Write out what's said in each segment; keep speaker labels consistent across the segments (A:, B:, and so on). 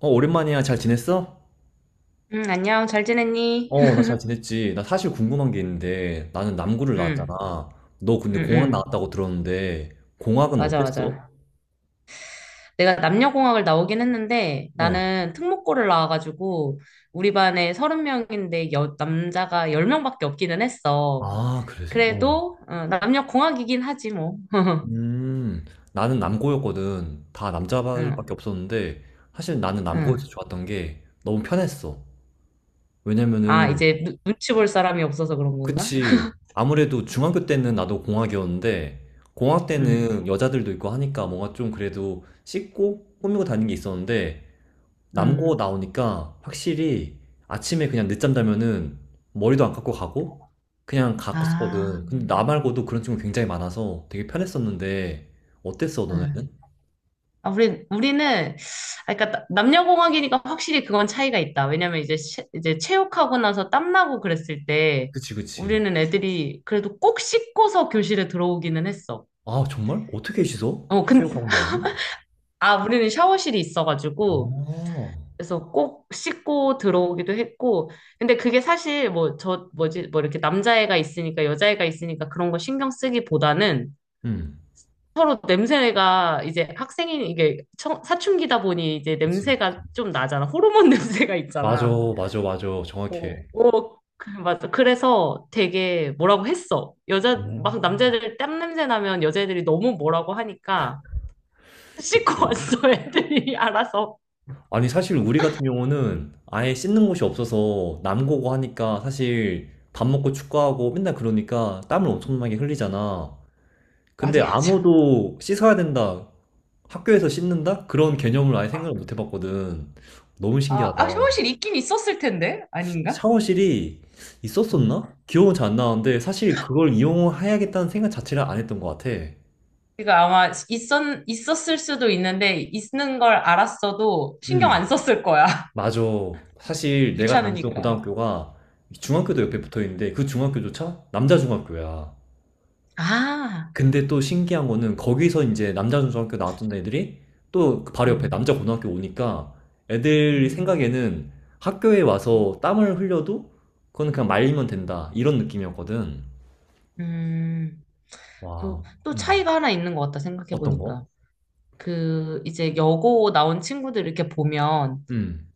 A: 어, 오랜만이야. 잘 지냈어?
B: 응, 안녕. 잘 지냈니?
A: 어, 나 잘 지냈지. 나 사실 궁금한 게 있는데, 나는 남구를 나왔잖아.
B: 응,
A: 너 근데
B: 응,
A: 공학
B: 응.
A: 나왔다고 들었는데, 공학은
B: 맞아,
A: 어땠어?
B: 맞아. 내가 남녀공학을 나오긴 했는데
A: 어.
B: 나는 특목고를 나와가지고 우리 반에 서른 명인데 남자가 열 명밖에 없기는 했어.
A: 아, 그래? 어.
B: 그래도 남녀공학이긴 하지 뭐.
A: 음, 나는 남고였거든. 다
B: 응,
A: 남자발밖에 없었는데, 사실 나는 남고에서
B: 응.
A: 좋았던 게 너무 편했어.
B: 아,
A: 왜냐면은,
B: 이제 눈치 볼 사람이 없어서 그런 건가?
A: 그치. 아무래도 중학교 때는 나도 공학이었는데, 공학
B: 응,
A: 때는 여자들도 있고 하니까 뭔가 좀 그래도 씻고 꾸미고 다니는 게 있었는데, 남고
B: 응.
A: 나오니까 확실히 아침에 그냥 늦잠 자면은 머리도 안 깎고 가고 그냥
B: 아,
A: 갔었거든. 근데 나 말고도 그런 친구 굉장히 많아서 되게 편했었는데 어땠어,
B: 응.
A: 너네는?
B: 아, 우리, 우리는, 아, 그러니까 남녀공학이니까 확실히 그건 차이가 있다. 왜냐면 이제, 이제 체육하고 나서 땀나고 그랬을 때
A: 그치, 그치.
B: 우리는 애들이 그래도 꼭 씻고서 교실에 들어오기는 했어.
A: 아, 정말? 어떻게 씻어?
B: 어, 근,
A: 체육하고 나오면?
B: 아, 우리는 샤워실이
A: 아,
B: 있어가지고, 그래서 꼭 씻고 들어오기도 했고, 근데 그게 사실 뭐 이렇게 남자애가 있으니까 여자애가 있으니까 그런 거 신경 쓰기보다는
A: 응.
B: 서로 냄새가 이제 학생인 이게 사춘기다 보니 이제
A: 그치, 그치.
B: 냄새가 좀 나잖아. 호르몬 냄새가
A: 맞아,
B: 있잖아.
A: 맞아, 맞아.
B: 어,
A: 정확해.
B: 맞아. 그래서 되게 뭐라고 했어. 막
A: 음.
B: 남자애들 땀 냄새 나면 여자애들이 너무 뭐라고 하니까 씻고
A: 그치.
B: 왔어, 애들이 알아서.
A: 아니, 사실 우리 같은 경우는 아예 씻는 곳이 없어서 남고고 하니까 사실 밥 먹고 축구하고 맨날 그러니까 땀을 엄청나게 흘리잖아.
B: 맞아,
A: 근데
B: 맞아.
A: 아무도 씻어야 된다. 학교에서 씻는다? 그런 개념을 아예 생각을 못 해봤거든. 너무 신기하다.
B: 아, 아, 샤워실 있긴 있었을 텐데, 아닌가?
A: 샤워실이
B: 음.
A: 있었었나? 기억은 잘 안 나는데 사실 그걸 이용해야겠다는 생각 자체를 안 했던 것 같아.
B: 그러니까 아마 있었을 수도 있는데, 있는 걸 알았어도 신경 안 썼을 거야.
A: 맞아. 사실 내가 다녔던
B: 귀찮으니까.
A: 고등학교가 중학교도 옆에 붙어 있는데 그 중학교조차 남자 중학교야.
B: 아,
A: 근데 또 신기한 거는 거기서 이제 남자 중학교 나왔던 애들이 또그 바로 옆에
B: 음,
A: 남자 고등학교 오니까 애들
B: 음,
A: 생각에는 학교에 와서 땀을 흘려도 그건 그냥 말리면 된다. 이런 느낌이었거든.
B: 음. 그리고
A: 와,
B: 또
A: 음.
B: 차이가 하나 있는 것 같다
A: 어떤
B: 생각해보니까.
A: 거?
B: 그 이제 여고 나온 친구들 이렇게 보면
A: 음.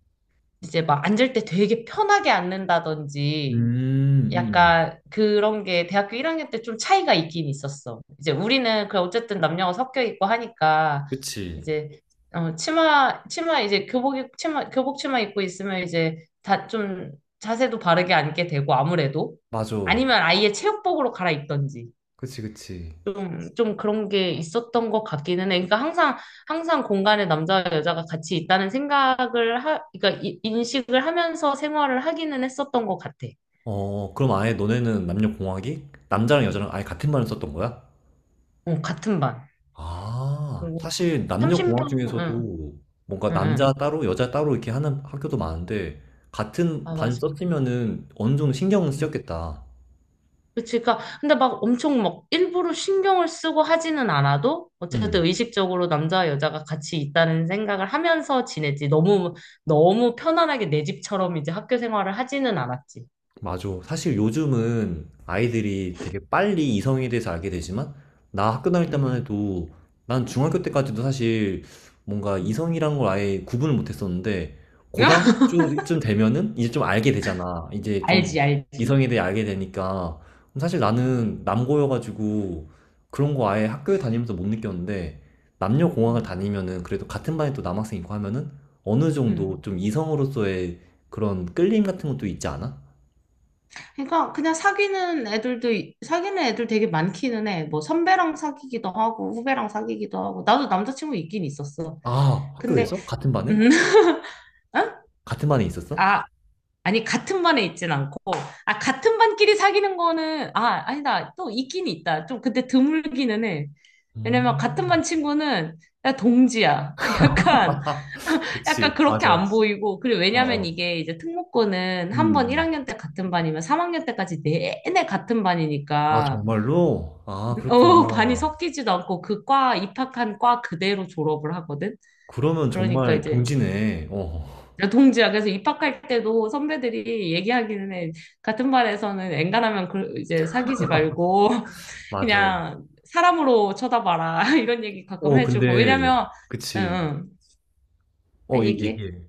B: 이제 막 앉을 때 되게 편하게 앉는다든지
A: 음, 음.
B: 약간 그런 게 대학교 1학년 때 좀 차이가 있긴 있었어. 이제 우리는 그 어쨌든 남녀가 섞여 있고 하니까
A: 그치.
B: 이제 치마 이제 교복 치마 교복 치마 입고 있으면 이제 다 좀 자세도 바르게 앉게 되고 아무래도
A: 맞아.
B: 아니면 아예 체육복으로 갈아입던지
A: 그치, 그치.
B: 좀 그런 게 있었던 것 같기는 해. 그러니까 항상 공간에 남자와 여자가 같이 있다는 생각을 하 그러니까 인식을 하면서 생활을 하기는 했었던 것 같아.
A: 어, 그럼 아예 너네는 남녀공학이 남자랑 여자랑 아예 같은 말을 썼던 거야?
B: 어, 같은 반.
A: 아, 사실 남녀공학
B: 30명, 응,
A: 중에서도 뭔가
B: 응,
A: 남자
B: 응.
A: 따로 여자 따로 이렇게 하는 학교도 많은데 같은
B: 아,
A: 반
B: 맞아.
A: 썼으면은 어느 정도 신경은
B: 응.
A: 쓰였겠다.
B: 그치. 그니까, 근데 막 엄청 막 일부러 신경을 쓰고 하지는 않아도,
A: 음.
B: 어쨌든 의식적으로 남자와 여자가 같이 있다는 생각을 하면서 지냈지. 너무, 너무 편안하게 내 집처럼 이제 학교 생활을 하지는 않았지.
A: 맞아. 사실 요즘은 아이들이 되게 빨리 이성에 대해서 알게 되지만, 나 학교 다닐 때만
B: 응.
A: 해도, 난 중학교 때까지도 사실 뭔가
B: 응.
A: 이성이란 걸 아예 구분을 못 했었는데, 고등학교쯤 되면은 이제 좀 알게 되잖아. 이제 좀
B: 알지, 알지.
A: 이성에 대해 알게 되니까. 그럼 사실
B: 음,
A: 나는 남고여가지고 그런 거 아예 학교에 다니면서 못 느꼈는데, 남녀공학을
B: 음,
A: 다니면은 그래도 같은 반에 또 남학생 있고 하면은 어느 정도
B: 음.
A: 좀 이성으로서의 그런 끌림 같은 것도 있지 않아?
B: 그러니까 그냥 사귀는 애들도 사귀는 애들 되게 많기는 해. 뭐 선배랑 사귀기도 하고 후배랑 사귀기도 하고 나도 남자친구 있긴 있었어.
A: 아,
B: 근데
A: 학교에서? 같은 반에?
B: 음, 응?
A: 같은 반에 있었어?
B: 아, 아니, 같은 반에 있진 않고, 아, 같은 반끼리 사귀는 거는, 아, 아니다. 또 있긴 있다. 좀 근데 드물기는 해. 왜냐면 같은
A: 음.
B: 반 친구는, 야, 동지야. 약간,
A: 그치,
B: 약간, 그렇게
A: 맞아. 어,
B: 안 보이고, 그리고 왜냐면
A: 어.
B: 이게 이제 특목고는
A: 음,
B: 한 번
A: 음.
B: 1학년 때 같은 반이면 3학년 때까지 내내 같은
A: 아,
B: 반이니까,
A: 정말로? 아,
B: 어, 반이
A: 그렇구나.
B: 섞이지도 않고 입학한 과 그대로 졸업을 하거든?
A: 그러면
B: 그러니까
A: 정말
B: 이제,
A: 동지네. 어,
B: 동지야. 그래서 입학할 때도 선배들이 얘기하기는 해. 같은 반에서는 엔간하면 그 이제 사귀지 말고
A: 맞아.
B: 그냥 사람으로 쳐다봐라. 이런 얘기 가끔
A: 어,
B: 해주고.
A: 근데,
B: 왜냐면, 응,
A: 그치.
B: 응. 아,
A: 어, 얘-
B: 얘기해.
A: 얘기해.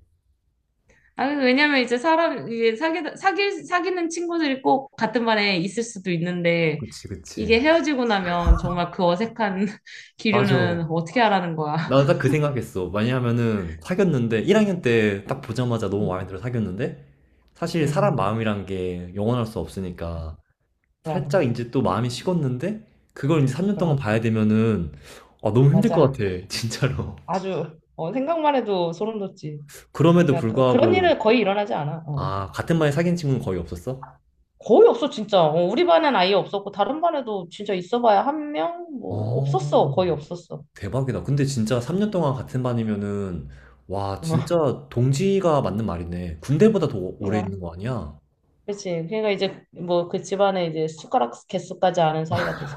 B: 아, 왜냐면 이제 사람, 이제 사귀, 사귀, 사귀는 친구들이 꼭 같은 반에 있을 수도 있는데,
A: 그치, 그치.
B: 이게 헤어지고 나면 정말 그 어색한
A: 맞아.
B: 기류는 어떻게 하라는 거야.
A: 나 딱 그 생각했어. 왜냐하면은, 사귀었는데,
B: 응,
A: 1학년 때 딱 보자마자 너무
B: 응
A: 마음에 들어 사귀었는데, 사실 사람
B: 응.
A: 마음이란 게 영원할 수 없으니까, 살짝
B: 그럼,
A: 인제 또 마음이 식었는데 그걸 이제 3년 동안
B: 그럼.
A: 봐야 되면은 아 너무 힘들 것
B: 맞아.
A: 같아 진짜로.
B: 아주 생각만 해도 소름 돋지.
A: 그럼에도
B: 그러니까 그런
A: 불구하고
B: 일은 거의 일어나지 않아. 어.
A: 아 같은 반에 사귄 친구는 거의 없었어?
B: 거의 없어 진짜. 어, 우리 반엔 아예 없었고 다른 반에도 진짜 있어봐야 한 명 뭐 없었어.
A: 어.
B: 거의 없었어.
A: 대박이다. 근데 진짜 3년 동안 같은 반이면은 와
B: 어.
A: 진짜 동지가 맞는 말이네. 군대보다 더 오래 있는 거
B: 그러니까
A: 아니야?
B: 그치. 그러니까 이제 뭐 그 집안에 이제 숟가락 개수까지 아는 사이가 되지.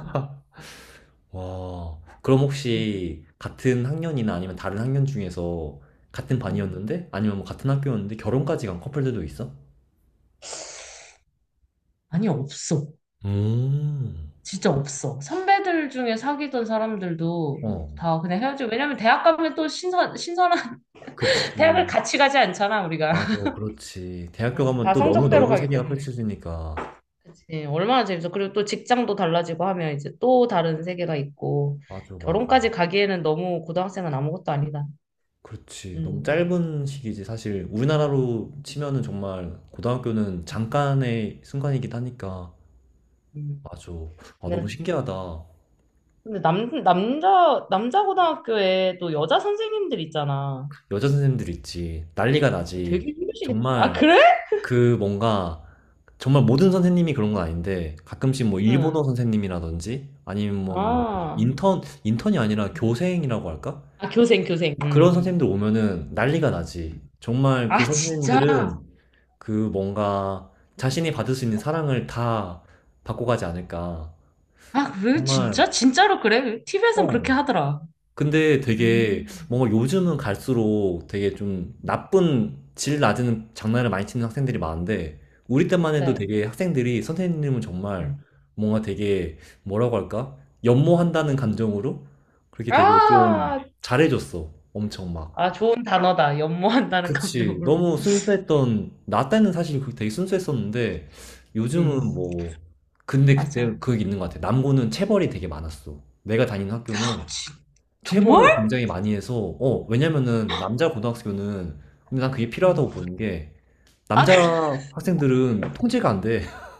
A: 와. 그럼
B: 응,
A: 혹시 같은 학년이나 아니면 다른 학년 중에서 같은
B: 응.
A: 반이었는데 아니면 뭐 같은 학교였는데 결혼까지 간 커플들도 있어?
B: 아니, 없어.
A: 음.
B: 진짜 없어. 선배들 중에 사귀던 사람들도
A: 어.
B: 다 그냥 헤어지고, 왜냐면 대학 가면 또 신선한, 대학을
A: 그치.
B: 같이 가지 않잖아, 우리가.
A: 맞아. 그렇지. 대학교
B: 응.
A: 가면
B: 다
A: 또 너무
B: 성적대로
A: 넓은
B: 가기
A: 세계가
B: 때문에.
A: 펼쳐지니까.
B: 그치. 얼마나 재밌어. 그리고 또 직장도 달라지고 하면 이제 또 다른 세계가 있고,
A: 맞아, 맞아.
B: 결혼까지 가기에는 너무 고등학생은 아무것도 아니다.
A: 그렇지. 너무
B: 음.
A: 짧은 시기지. 사실
B: 음,
A: 우리나라로 치면은 정말 고등학교는 잠깐의 순간이긴 하니까.
B: 음.
A: 맞아. 아, 너무
B: 근데,
A: 신기하다.
B: 근데, 남자 고등학교에 또 여자 선생님들 있잖아.
A: 여자 선생님들 있지. 난리가 나지.
B: 되게 힘드시겠다. 아,
A: 정말
B: 그래?
A: 그 뭔가 정말 모든 선생님이 그런 건 아닌데 가끔씩 뭐 일본어
B: 응.
A: 선생님이라든지 아니면 뭐 뭐,
B: 아,
A: 인턴 인턴이 아니라 교생이라고 할까?
B: 아, 교생, 교생.
A: 그런
B: 응.
A: 선생님들 오면은 난리가 나지. 정말 그
B: 아, 진짜? 아,
A: 선생님들은 그 뭔가 자신이 받을 수 있는 사랑을 다 받고 가지 않을까.
B: 왜,
A: 정말,
B: 진짜? 진짜로 그래? TV에선
A: 어.
B: 그렇게 하더라.
A: 근데 되게
B: 음,
A: 뭔가 요즘은 갈수록 되게 좀 나쁜 질 낮은 장난을 많이 치는 학생들이 많은데, 우리 때만 해도
B: 그래.
A: 되게 학생들이 선생님은
B: 네.
A: 정말 뭔가 되게 뭐라고 할까? 연모한다는 감정으로 그렇게 되게 좀
B: 아,
A: 잘해줬어. 엄청 막.
B: 아, 좋은 단어다. 연모한다는
A: 그치.
B: 감정으로.
A: 너무 순수했던, 나 때는 사실 그게 되게 순수했었는데,
B: 음,
A: 요즘은 뭐, 근데 그때
B: 맞아.
A: 그게 있는 것 같아. 남고는 체벌이 되게 많았어. 내가 다니는 학교는
B: 정말?
A: 체벌을 굉장히 많이 해서, 어, 왜냐면은 남자 고등학교는, 근데 난 그게
B: 음.
A: 필요하다고 보는 게,
B: 아,
A: 남자
B: 그래.
A: 학생들은 통제가 안 돼.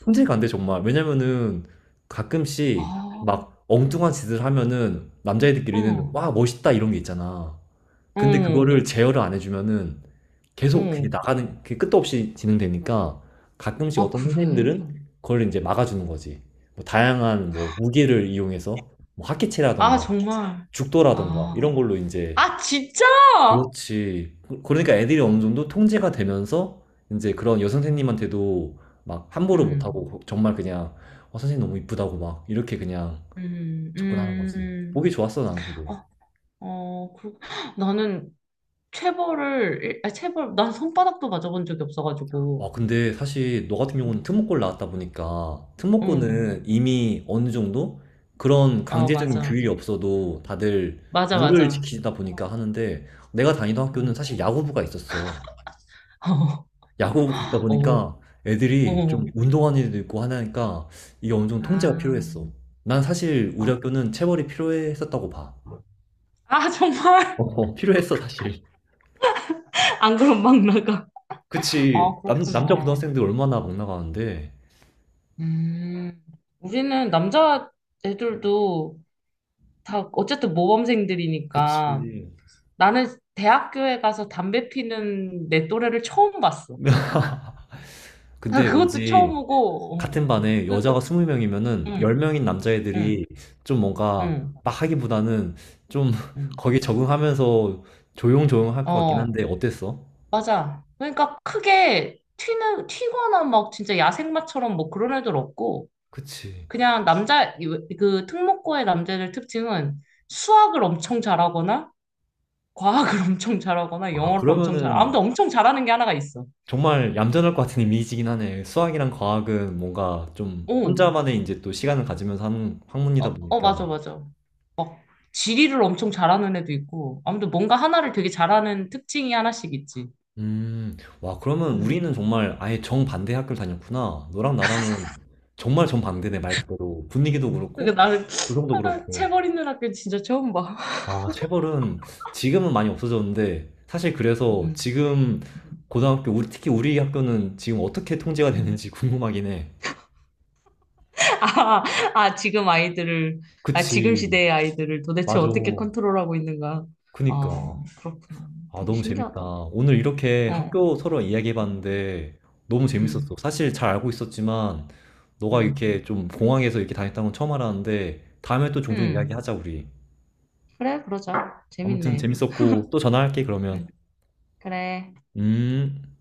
A: 통제가 안 돼, 정말. 왜냐면은 가끔씩
B: 아,
A: 막 엉뚱한 짓을 하면은 남자애들끼리는
B: 응,
A: 와, 멋있다 이런 게 있잖아. 근데
B: 응,
A: 그거를 제어를 안 해주면은 계속 그게
B: 응.
A: 나가는, 그게 끝도 없이 진행되니까 가끔씩
B: 아,
A: 어떤
B: 그래.
A: 선생님들은 그걸 이제 막아주는 거지. 뭐 다양한 뭐 무기를 이용해서 뭐 학기체라던가
B: 아, 정말.
A: 죽도라던가
B: 아,
A: 이런 걸로 이제
B: 아, 진짜?
A: 그렇지. 그러니까 애들이 어느 정도 통제가 되면서 이제 그런 여선생님한테도 막 함부로
B: 음,
A: 못하고 정말 그냥 어, 선생님 너무 이쁘다고 막 이렇게 그냥
B: 음,
A: 접근하는 거지.
B: 음.
A: 보기 좋았어, 나는 되게.
B: 어, 어, 그렇 나는 아, 체벌, 난 손바닥도 맞아본 적이 없어가지고.
A: 아, 근데 사실 너 같은 경우는
B: 음.
A: 특목고를 나왔다 보니까
B: 응,
A: 특목고는 이미 어느 정도 그런
B: 어,
A: 강제적인
B: 맞아.
A: 규율이 없어도 다들
B: 맞아,
A: 룰을
B: 맞아.
A: 지키다 보니까 하는데 내가 다니던 학교는
B: 응.
A: 사실 야구부가 있었어.
B: 어,
A: 야구부가 있다
B: 어.
A: 보니까 애들이 좀 운동하는 애도 있고 하니까 이게 어느 정도 통제가
B: 아,
A: 필요했어. 난 사실 우리
B: 아,
A: 학교는 체벌이 필요했었다고 봐.
B: 아, 정말?
A: 어, 필요했어, 사실.
B: 안 그럼 막 나가. 아,
A: 그치. 남자
B: 그렇구나.
A: 고등학생들 얼마나 막 나가는데.
B: 음, 우리는 남자 애들도 다 어쨌든 모범생들이니까
A: 그치.
B: 나는 대학교에 가서 담배 피는 내 또래를 처음 봤어. 아,
A: 근데
B: 그것도
A: 왠지
B: 처음이고,
A: 같은 반에 여자가 20명이면은
B: 응,
A: 10명인
B: 응,
A: 남자애들이 좀 뭔가
B: 응,
A: 막 하기보다는 좀
B: 응.
A: 거기 적응하면서 조용조용 할 것 같긴
B: 어,
A: 한데 어땠어?
B: 맞아. 그러니까 크게 튀거나 막 진짜 야생마처럼 뭐 그런 애들 없고,
A: 그치.
B: 그냥 그 특목고의 남자들 특징은 수학을 엄청 잘하거나, 과학을 엄청 잘하거나,
A: 아,
B: 영어를 엄청
A: 그러면은
B: 아무튼 엄청 잘하는 게 하나가 있어.
A: 정말 얌전할 것 같은 이미지긴 하네. 수학이랑 과학은 뭔가 좀
B: 어,
A: 혼자만의 이제 또 시간을 가지면서 하는 학문이다
B: 어, 어,
A: 보니까.
B: 맞아, 맞아. 지리를 엄청 잘하는 애도 있고, 아무튼 뭔가 하나를 되게 잘하는 특징이 하나씩 있지.
A: 음, 와, 그러면
B: 음.
A: 우리는 정말 아예 정반대 학교를 다녔구나. 너랑 나랑은 정말 정반대네, 말 그대로. 분위기도
B: 어.
A: 그렇고,
B: 그러니까 나는,
A: 구성도
B: 아,
A: 그렇고.
B: 체벌 있는 학교 진짜 처음 봐.
A: 아, 체벌은 지금은 많이 없어졌는데, 사실 그래서
B: 음.
A: 지금
B: 음.
A: 고등학교, 우리, 특히 우리 학교는 지금 어떻게 통제가
B: 음.
A: 되는지 궁금하긴 해.
B: 아, 아, 지금 아이들을, 아, 지금
A: 그치,
B: 시대의 아이들을 도대체
A: 맞아.
B: 어떻게 컨트롤하고 있는가.
A: 그니까.
B: 어, 그렇구나.
A: 아,
B: 되게
A: 너무 재밌다.
B: 신기하다.
A: 오늘 이렇게
B: 어,
A: 학교 서로 이야기해봤는데, 너무 재밌었어.
B: 음,
A: 사실 잘 알고 있었지만, 너가
B: 음,
A: 이렇게 좀 공항에서 이렇게 다녔다는 건 처음 알았는데, 다음에 또 종종
B: 음.
A: 이야기하자, 우리.
B: 그래, 그러자.
A: 아무튼
B: 재밌네.
A: 재밌었고, 또 전화할게, 그러면.
B: 음, 그래.
A: 음.